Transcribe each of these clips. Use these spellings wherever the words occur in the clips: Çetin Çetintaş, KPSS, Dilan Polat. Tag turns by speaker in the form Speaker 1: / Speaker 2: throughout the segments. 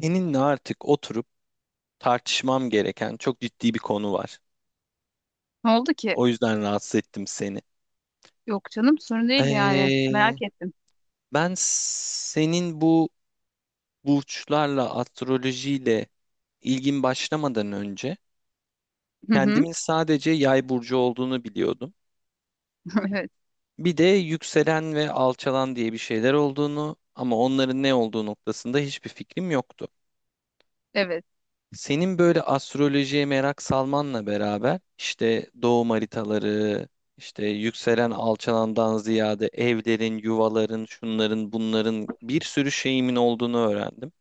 Speaker 1: Seninle artık oturup tartışmam gereken çok ciddi bir konu var.
Speaker 2: Ne oldu ki?
Speaker 1: O yüzden rahatsız ettim seni.
Speaker 2: Yok canım, sorun değil yani.
Speaker 1: Ee,
Speaker 2: Merak ettim.
Speaker 1: Ben senin bu burçlarla, astrolojiyle ilgin başlamadan önce
Speaker 2: Hı hı.
Speaker 1: kendimin sadece yay burcu olduğunu biliyordum.
Speaker 2: Evet.
Speaker 1: Bir de yükselen ve alçalan diye bir şeyler olduğunu ama onların ne olduğu noktasında hiçbir fikrim yoktu.
Speaker 2: Evet.
Speaker 1: Senin böyle astrolojiye merak salmanla beraber işte doğum haritaları, işte yükselen alçalandan ziyade evlerin, yuvaların, şunların, bunların bir sürü şeyimin olduğunu öğrendim.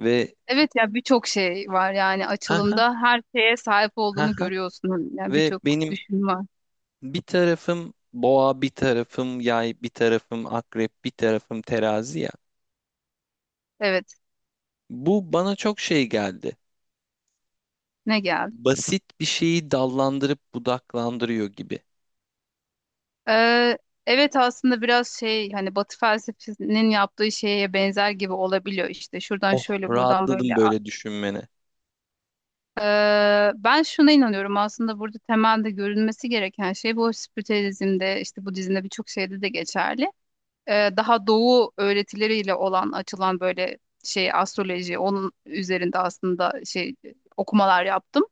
Speaker 1: Ve
Speaker 2: Evet ya, birçok şey var yani
Speaker 1: ha ha
Speaker 2: açılımda her şeye sahip
Speaker 1: ha
Speaker 2: olduğunu
Speaker 1: ha.
Speaker 2: görüyorsun. Yani
Speaker 1: Ve
Speaker 2: birçok
Speaker 1: benim
Speaker 2: düşün var.
Speaker 1: bir tarafım boğa, bir tarafım yay, bir tarafım akrep, bir tarafım terazi ya.
Speaker 2: Evet.
Speaker 1: Bu bana çok şey geldi.
Speaker 2: Ne geldi?
Speaker 1: Basit bir şeyi dallandırıp budaklandırıyor gibi.
Speaker 2: Ee, evet aslında biraz hani Batı felsefesinin yaptığı şeye benzer gibi olabiliyor işte. Şuradan
Speaker 1: Oh,
Speaker 2: şöyle, buradan
Speaker 1: rahatladım
Speaker 2: böyle.
Speaker 1: böyle düşünmene.
Speaker 2: Ben şuna inanıyorum, aslında burada temelde görülmesi gereken şey bu, spritüelizmde, işte Budizm'de, birçok şeyde de geçerli. Daha doğu öğretileriyle olan açılan böyle astroloji onun üzerinde aslında okumalar yaptım.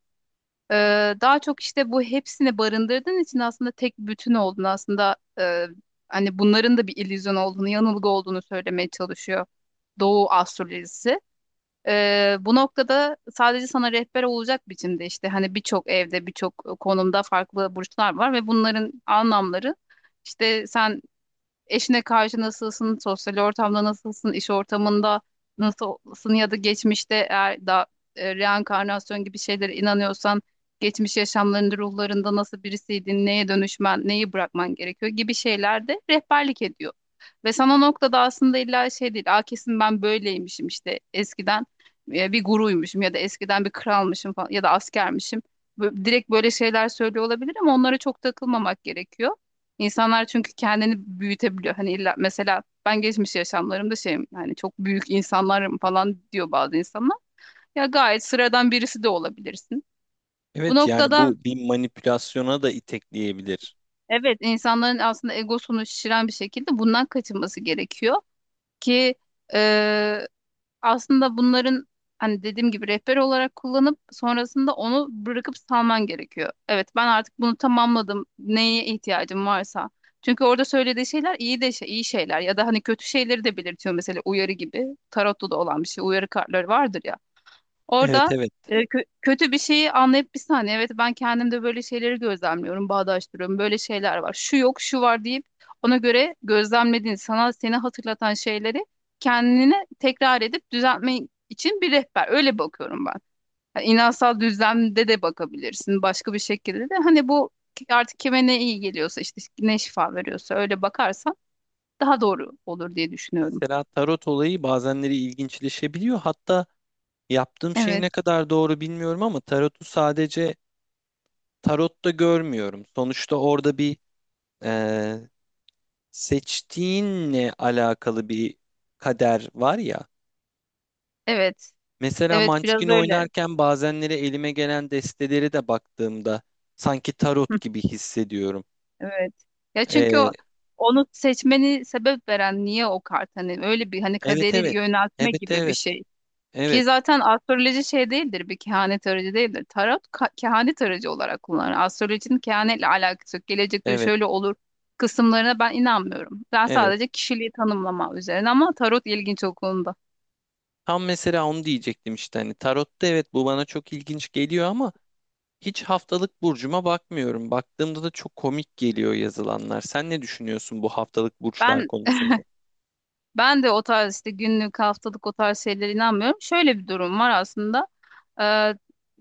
Speaker 2: E, Daha çok işte bu hepsini barındırdığın için aslında tek bütün olduğunu, aslında hani bunların da bir illüzyon olduğunu, yanılgı olduğunu söylemeye çalışıyor Doğu astrolojisi. Bu noktada sadece sana rehber olacak biçimde, işte hani, birçok evde birçok konumda farklı burçlar var ve bunların anlamları işte sen eşine karşı nasılsın, sosyal ortamda nasılsın, iş ortamında nasılsın ya da geçmişte, eğer reenkarnasyon gibi şeylere inanıyorsan, geçmiş yaşamlarında, ruhlarında nasıl birisiydin, neye dönüşmen, neyi bırakman gerekiyor gibi şeylerde rehberlik ediyor. Ve sana o noktada aslında illa değil, "Aa, kesin ben böyleymişim işte eskiden, bir guruymuşum ya da eskiden bir kralmışım falan ya da askermişim." Direkt böyle şeyler söylüyor olabilir, ama onlara çok takılmamak gerekiyor. İnsanlar çünkü kendini büyütebiliyor. Hani illa, mesela, "Ben geçmiş yaşamlarımda şeyim, hani çok büyük insanlarım" falan diyor bazı insanlar. Ya gayet sıradan birisi de olabilirsin. Bu
Speaker 1: Evet yani
Speaker 2: noktada
Speaker 1: bu bir manipülasyona da itekleyebilir.
Speaker 2: evet, insanların aslında egosunu şişiren bir şekilde bundan kaçınması gerekiyor ki aslında bunların, hani dediğim gibi, rehber olarak kullanıp sonrasında onu bırakıp salman gerekiyor. Evet, ben artık bunu tamamladım. Neye ihtiyacım varsa. Çünkü orada söylediği şeyler iyi de iyi şeyler ya da hani kötü şeyleri de belirtiyor mesela, uyarı gibi. Tarotta da olan bir şey. Uyarı kartları vardır ya.
Speaker 1: Evet,
Speaker 2: Orada
Speaker 1: evet.
Speaker 2: kötü bir şeyi anlayıp, bir saniye, evet ben kendimde böyle şeyleri gözlemliyorum, bağdaştırıyorum. Böyle şeyler var. Şu yok, şu var deyip ona göre gözlemlediğin, sana seni hatırlatan şeyleri kendine tekrar edip düzeltme için bir rehber. Öyle bakıyorum ben. Yani inansal düzlemde de bakabilirsin, başka bir şekilde de. Hani bu artık kime ne iyi geliyorsa, işte ne şifa veriyorsa, öyle bakarsan daha doğru olur diye düşünüyorum.
Speaker 1: Mesela tarot olayı bazenleri ilginçleşebiliyor. Hatta yaptığım şey
Speaker 2: Evet,
Speaker 1: ne kadar doğru bilmiyorum ama tarotu sadece tarotta görmüyorum. Sonuçta orada bir e, seçtiğinle alakalı bir kader var ya.
Speaker 2: evet.
Speaker 1: Mesela
Speaker 2: Evet,
Speaker 1: Munchkin
Speaker 2: biraz öyle.
Speaker 1: oynarken bazenleri elime gelen desteleri de baktığımda sanki tarot gibi hissediyorum.
Speaker 2: Evet. Ya çünkü
Speaker 1: E,
Speaker 2: onu seçmeni sebep veren niye o kart, hani öyle bir hani
Speaker 1: evet,
Speaker 2: kaderi
Speaker 1: evet.
Speaker 2: yöneltme
Speaker 1: Evet,
Speaker 2: gibi bir
Speaker 1: evet.
Speaker 2: şey. Ki
Speaker 1: Evet,
Speaker 2: zaten astroloji şey değildir bir kehanet aracı değildir. Tarot kehanet aracı olarak kullanılır. Astrolojinin kehanetle alakası yok. "Gelecek, diyor,
Speaker 1: evet.
Speaker 2: şöyle olur" kısımlarına ben inanmıyorum. Ben
Speaker 1: Evet.
Speaker 2: sadece kişiliği tanımlama üzerine, ama tarot ilginç o konuda.
Speaker 1: Tam mesela onu diyecektim işte hani tarotta evet bu bana çok ilginç geliyor ama hiç haftalık burcuma bakmıyorum. Baktığımda da çok komik geliyor yazılanlar. Sen ne düşünüyorsun bu haftalık burçlar
Speaker 2: Ben
Speaker 1: konusunda?
Speaker 2: ben de o tarz işte günlük, haftalık, o tarz şeylere inanmıyorum. Şöyle bir durum var aslında.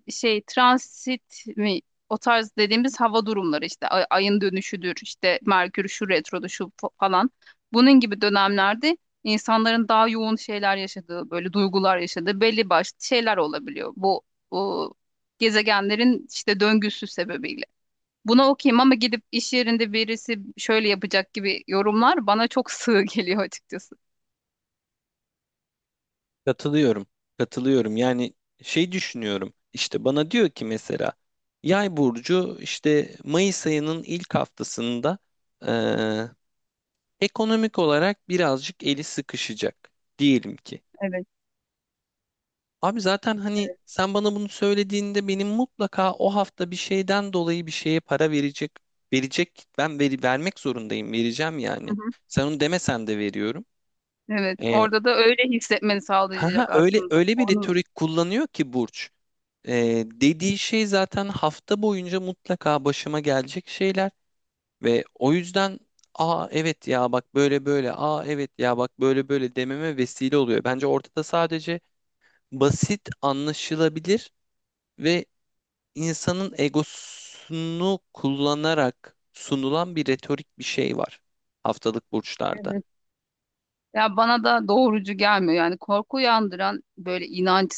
Speaker 2: Transit mi, o tarz dediğimiz hava durumları, işte ayın dönüşüdür, işte Merkür şu retrodu şu falan, bunun gibi dönemlerde insanların daha yoğun şeyler yaşadığı, böyle duygular yaşadığı belli başlı şeyler olabiliyor, bu gezegenlerin işte döngüsü sebebiyle. Buna okuyayım, ama "Gidip iş yerinde birisi şöyle yapacak" gibi yorumlar bana çok sığ geliyor açıkçası.
Speaker 1: Katılıyorum. Katılıyorum. Yani şey düşünüyorum. İşte bana diyor ki mesela yay burcu işte Mayıs ayının ilk haftasında eee, ekonomik olarak birazcık eli sıkışacak diyelim ki.
Speaker 2: Evet.
Speaker 1: Abi zaten hani sen bana bunu söylediğinde benim mutlaka o hafta bir şeyden dolayı bir şeye para verecek ben veri vermek zorundayım vereceğim
Speaker 2: Hı
Speaker 1: yani.
Speaker 2: hı.
Speaker 1: Sen onu demesen de veriyorum.
Speaker 2: Evet,
Speaker 1: Ee,
Speaker 2: orada da öyle hissetmeni
Speaker 1: ha ha,
Speaker 2: sağlayacak
Speaker 1: öyle
Speaker 2: aslında.
Speaker 1: öyle bir
Speaker 2: Onu…
Speaker 1: retorik kullanıyor ki Burç. Dediği şey zaten hafta boyunca mutlaka başıma gelecek şeyler ve o yüzden aa evet ya bak böyle böyle aa evet ya bak böyle böyle dememe vesile oluyor. Bence ortada sadece basit anlaşılabilir ve insanın egosunu kullanarak sunulan bir retorik bir şey var haftalık burçlarda.
Speaker 2: Evet. Ya bana da doğrucu gelmiyor. Yani korku uyandıran böyle inanç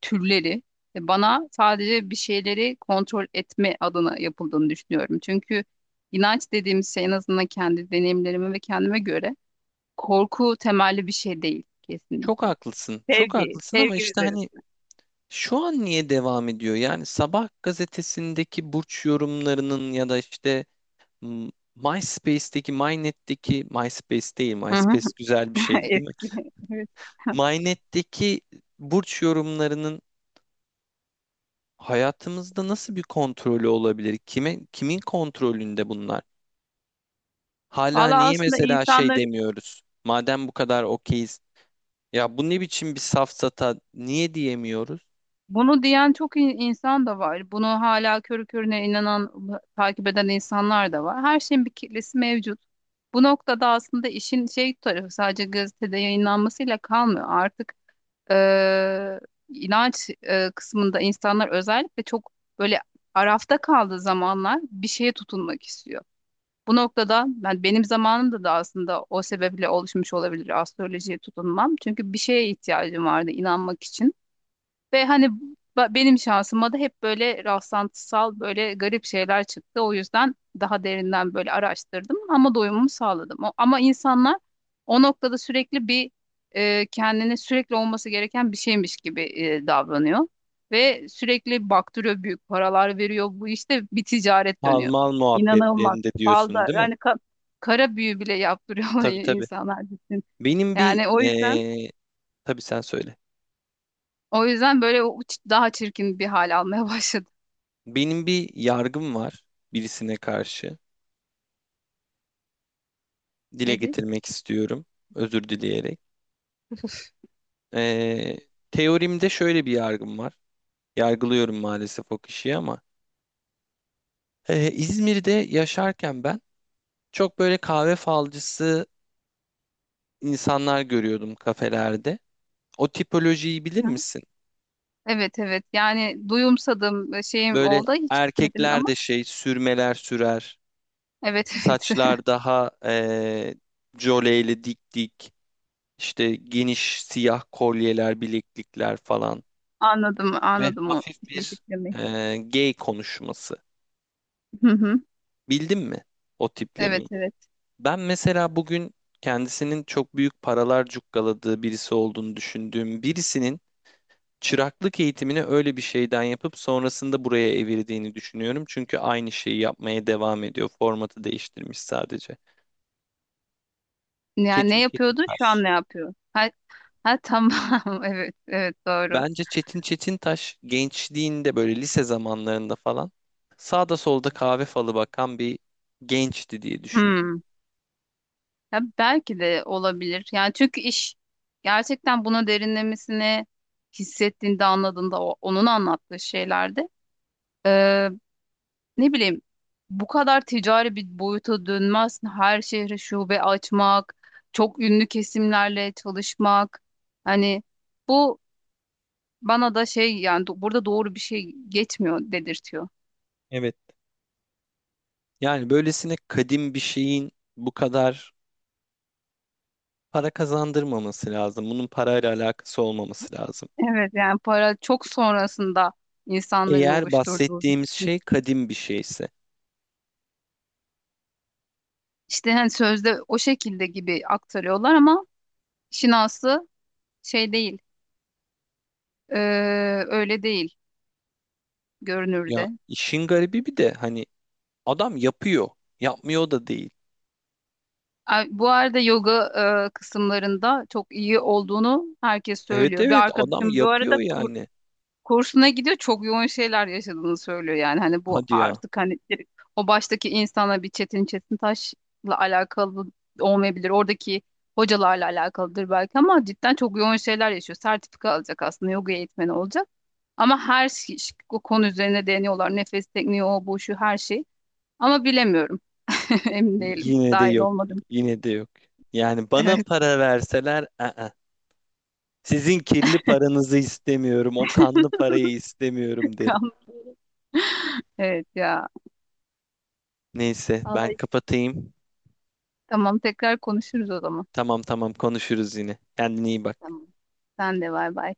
Speaker 2: türleri, bana sadece bir şeyleri kontrol etme adına yapıldığını düşünüyorum. Çünkü inanç dediğimiz şey, en azından kendi deneyimlerime ve kendime göre, korku temelli bir şey değil
Speaker 1: Çok
Speaker 2: kesinlikle.
Speaker 1: haklısın, çok
Speaker 2: Sevgi,
Speaker 1: haklısın ama
Speaker 2: sevgi
Speaker 1: işte
Speaker 2: üzerim.
Speaker 1: hani şu an niye devam ediyor? Yani sabah gazetesindeki burç yorumlarının ya da işte MySpace'teki, MyNet'teki, MySpace değil,
Speaker 2: Hı hı.
Speaker 1: MySpace güzel bir şeydi değil mi?
Speaker 2: Eski. Evet.
Speaker 1: Mynet'teki burç yorumlarının hayatımızda nasıl bir kontrolü olabilir? Kime, kimin kontrolünde bunlar? Hala
Speaker 2: Valla
Speaker 1: niye
Speaker 2: aslında
Speaker 1: mesela şey
Speaker 2: insanların…
Speaker 1: demiyoruz? Madem bu kadar okeyiz, ya bu ne biçim bir safsata niye diyemiyoruz?
Speaker 2: Bunu diyen çok insan da var. Bunu hala körü körüne inanan, takip eden insanlar da var. Her şeyin bir kitlesi mevcut. Bu noktada aslında işin tarafı sadece gazetede yayınlanmasıyla kalmıyor. Artık e, inanç kısmında insanlar özellikle çok böyle arafta kaldığı zamanlar bir şeye tutunmak istiyor. Bu noktada ben, benim zamanımda da aslında o sebeple oluşmuş olabilir astrolojiye tutunmam. Çünkü bir şeye ihtiyacım vardı inanmak için. Ve hani benim şansıma da hep böyle rastlantısal, böyle garip şeyler çıktı. O yüzden daha derinden böyle araştırdım ama doyumumu sağladım. Ama insanlar o noktada sürekli bir, kendine sürekli olması gereken bir şeymiş gibi davranıyor. Ve sürekli baktırıyor, büyük paralar veriyor. Bu, işte bir ticaret dönüyor.
Speaker 1: Palmal
Speaker 2: İnanılmaz.
Speaker 1: muhabbetlerinde
Speaker 2: Fazla
Speaker 1: diyorsun, değil mi?
Speaker 2: yani, kara büyü bile yaptırıyorlar
Speaker 1: Tabii, tabii.
Speaker 2: insanlar, gitsin.
Speaker 1: Benim bir
Speaker 2: Yani o yüzden
Speaker 1: tabii sen söyle.
Speaker 2: böyle daha çirkin bir hal almaya başladı.
Speaker 1: Benim bir yargım var birisine karşı. Dile
Speaker 2: Nedir?
Speaker 1: getirmek istiyorum, özür dileyerek. Eee Teorimde şöyle bir yargım var. Yargılıyorum maalesef o kişiyi ama. İzmir'de yaşarken ben çok böyle kahve falcısı insanlar görüyordum kafelerde. O tipolojiyi bilir
Speaker 2: Hı.
Speaker 1: misin?
Speaker 2: Evet evet, yani duyumsadım, şeyim
Speaker 1: Böyle
Speaker 2: oldu, hiç gitmedim
Speaker 1: erkekler
Speaker 2: ama
Speaker 1: de şey sürmeler sürer.
Speaker 2: evet evet,
Speaker 1: Saçlar daha joleyli dik dik. İşte geniş siyah kolyeler, bileklikler falan.
Speaker 2: anladım
Speaker 1: Ve
Speaker 2: anladım o
Speaker 1: hafif bir
Speaker 2: fikrimi.
Speaker 1: gay konuşması.
Speaker 2: Hı hı.
Speaker 1: Bildin mi o
Speaker 2: Evet
Speaker 1: tiplemeyi?
Speaker 2: evet.
Speaker 1: Ben mesela bugün kendisinin çok büyük paralar cukkaladığı birisi olduğunu düşündüğüm birisinin çıraklık eğitimini öyle bir şeyden yapıp sonrasında buraya evirdiğini düşünüyorum. Çünkü aynı şeyi yapmaya devam ediyor. Formatı değiştirmiş sadece.
Speaker 2: Yani
Speaker 1: Çetin
Speaker 2: ne yapıyordu, şu
Speaker 1: Çetintaş.
Speaker 2: an ne yapıyor? Ha, ha tamam evet evet, doğru.
Speaker 1: Bence Çetin Çetintaş gençliğinde böyle lise zamanlarında falan sağda solda kahve falı bakan bir gençti diye düşünüyorum.
Speaker 2: Hmm. Ya belki de olabilir yani, çünkü iş gerçekten buna derinlemesine hissettiğinde, anladığında, o, onun anlattığı şeylerde, ne bileyim, bu kadar ticari bir boyuta dönmez. Her şehre şube açmak, çok ünlü kesimlerle çalışmak. Hani bu bana da yani, burada doğru bir şey geçmiyor dedirtiyor.
Speaker 1: Evet. Yani böylesine kadim bir şeyin bu kadar para kazandırmaması lazım. Bunun parayla alakası olmaması lazım.
Speaker 2: Evet yani para çok sonrasında insanların
Speaker 1: Eğer
Speaker 2: oluşturduğu bir
Speaker 1: bahsettiğimiz
Speaker 2: şey.
Speaker 1: şey kadim bir şeyse.
Speaker 2: İşte hani sözde o şekilde gibi aktarıyorlar ama işin aslı şey değil. Ee, öyle değil
Speaker 1: Ya
Speaker 2: görünürde.
Speaker 1: işin garibi bir de hani adam yapıyor. Yapmıyor da değil.
Speaker 2: Ay, bu arada yoga kısımlarında çok iyi olduğunu herkes
Speaker 1: Evet,
Speaker 2: söylüyor. Bir
Speaker 1: evet adam
Speaker 2: arkadaşım bu arada
Speaker 1: yapıyor yani.
Speaker 2: kursuna gidiyor, çok yoğun şeyler yaşadığını söylüyor, yani hani bu
Speaker 1: Hadi ya.
Speaker 2: artık, hani direkt o baştaki insana, bir Çetin Çetintaş'la alakalı olmayabilir. Oradaki hocalarla alakalıdır belki, ama cidden çok yoğun şeyler yaşıyor. Sertifika alacak aslında, yoga eğitmeni olacak. Ama her şey o konu üzerine, deniyorlar. Nefes tekniği, o bu şu, her şey. Ama bilemiyorum. Emin değilim.
Speaker 1: Yine de
Speaker 2: Dahil
Speaker 1: yok.
Speaker 2: olmadım.
Speaker 1: Yine de yok. Yani bana
Speaker 2: Evet.
Speaker 1: para verseler sizin kirli paranızı istemiyorum. O kanlı parayı istemiyorum derim.
Speaker 2: Evet ya.
Speaker 1: Neyse ben
Speaker 2: Vallahi
Speaker 1: kapatayım.
Speaker 2: tamam, tekrar konuşuruz o zaman.
Speaker 1: Tamam, tamam konuşuruz yine. Kendine iyi bak.
Speaker 2: Tamam. Sen de, bay bay.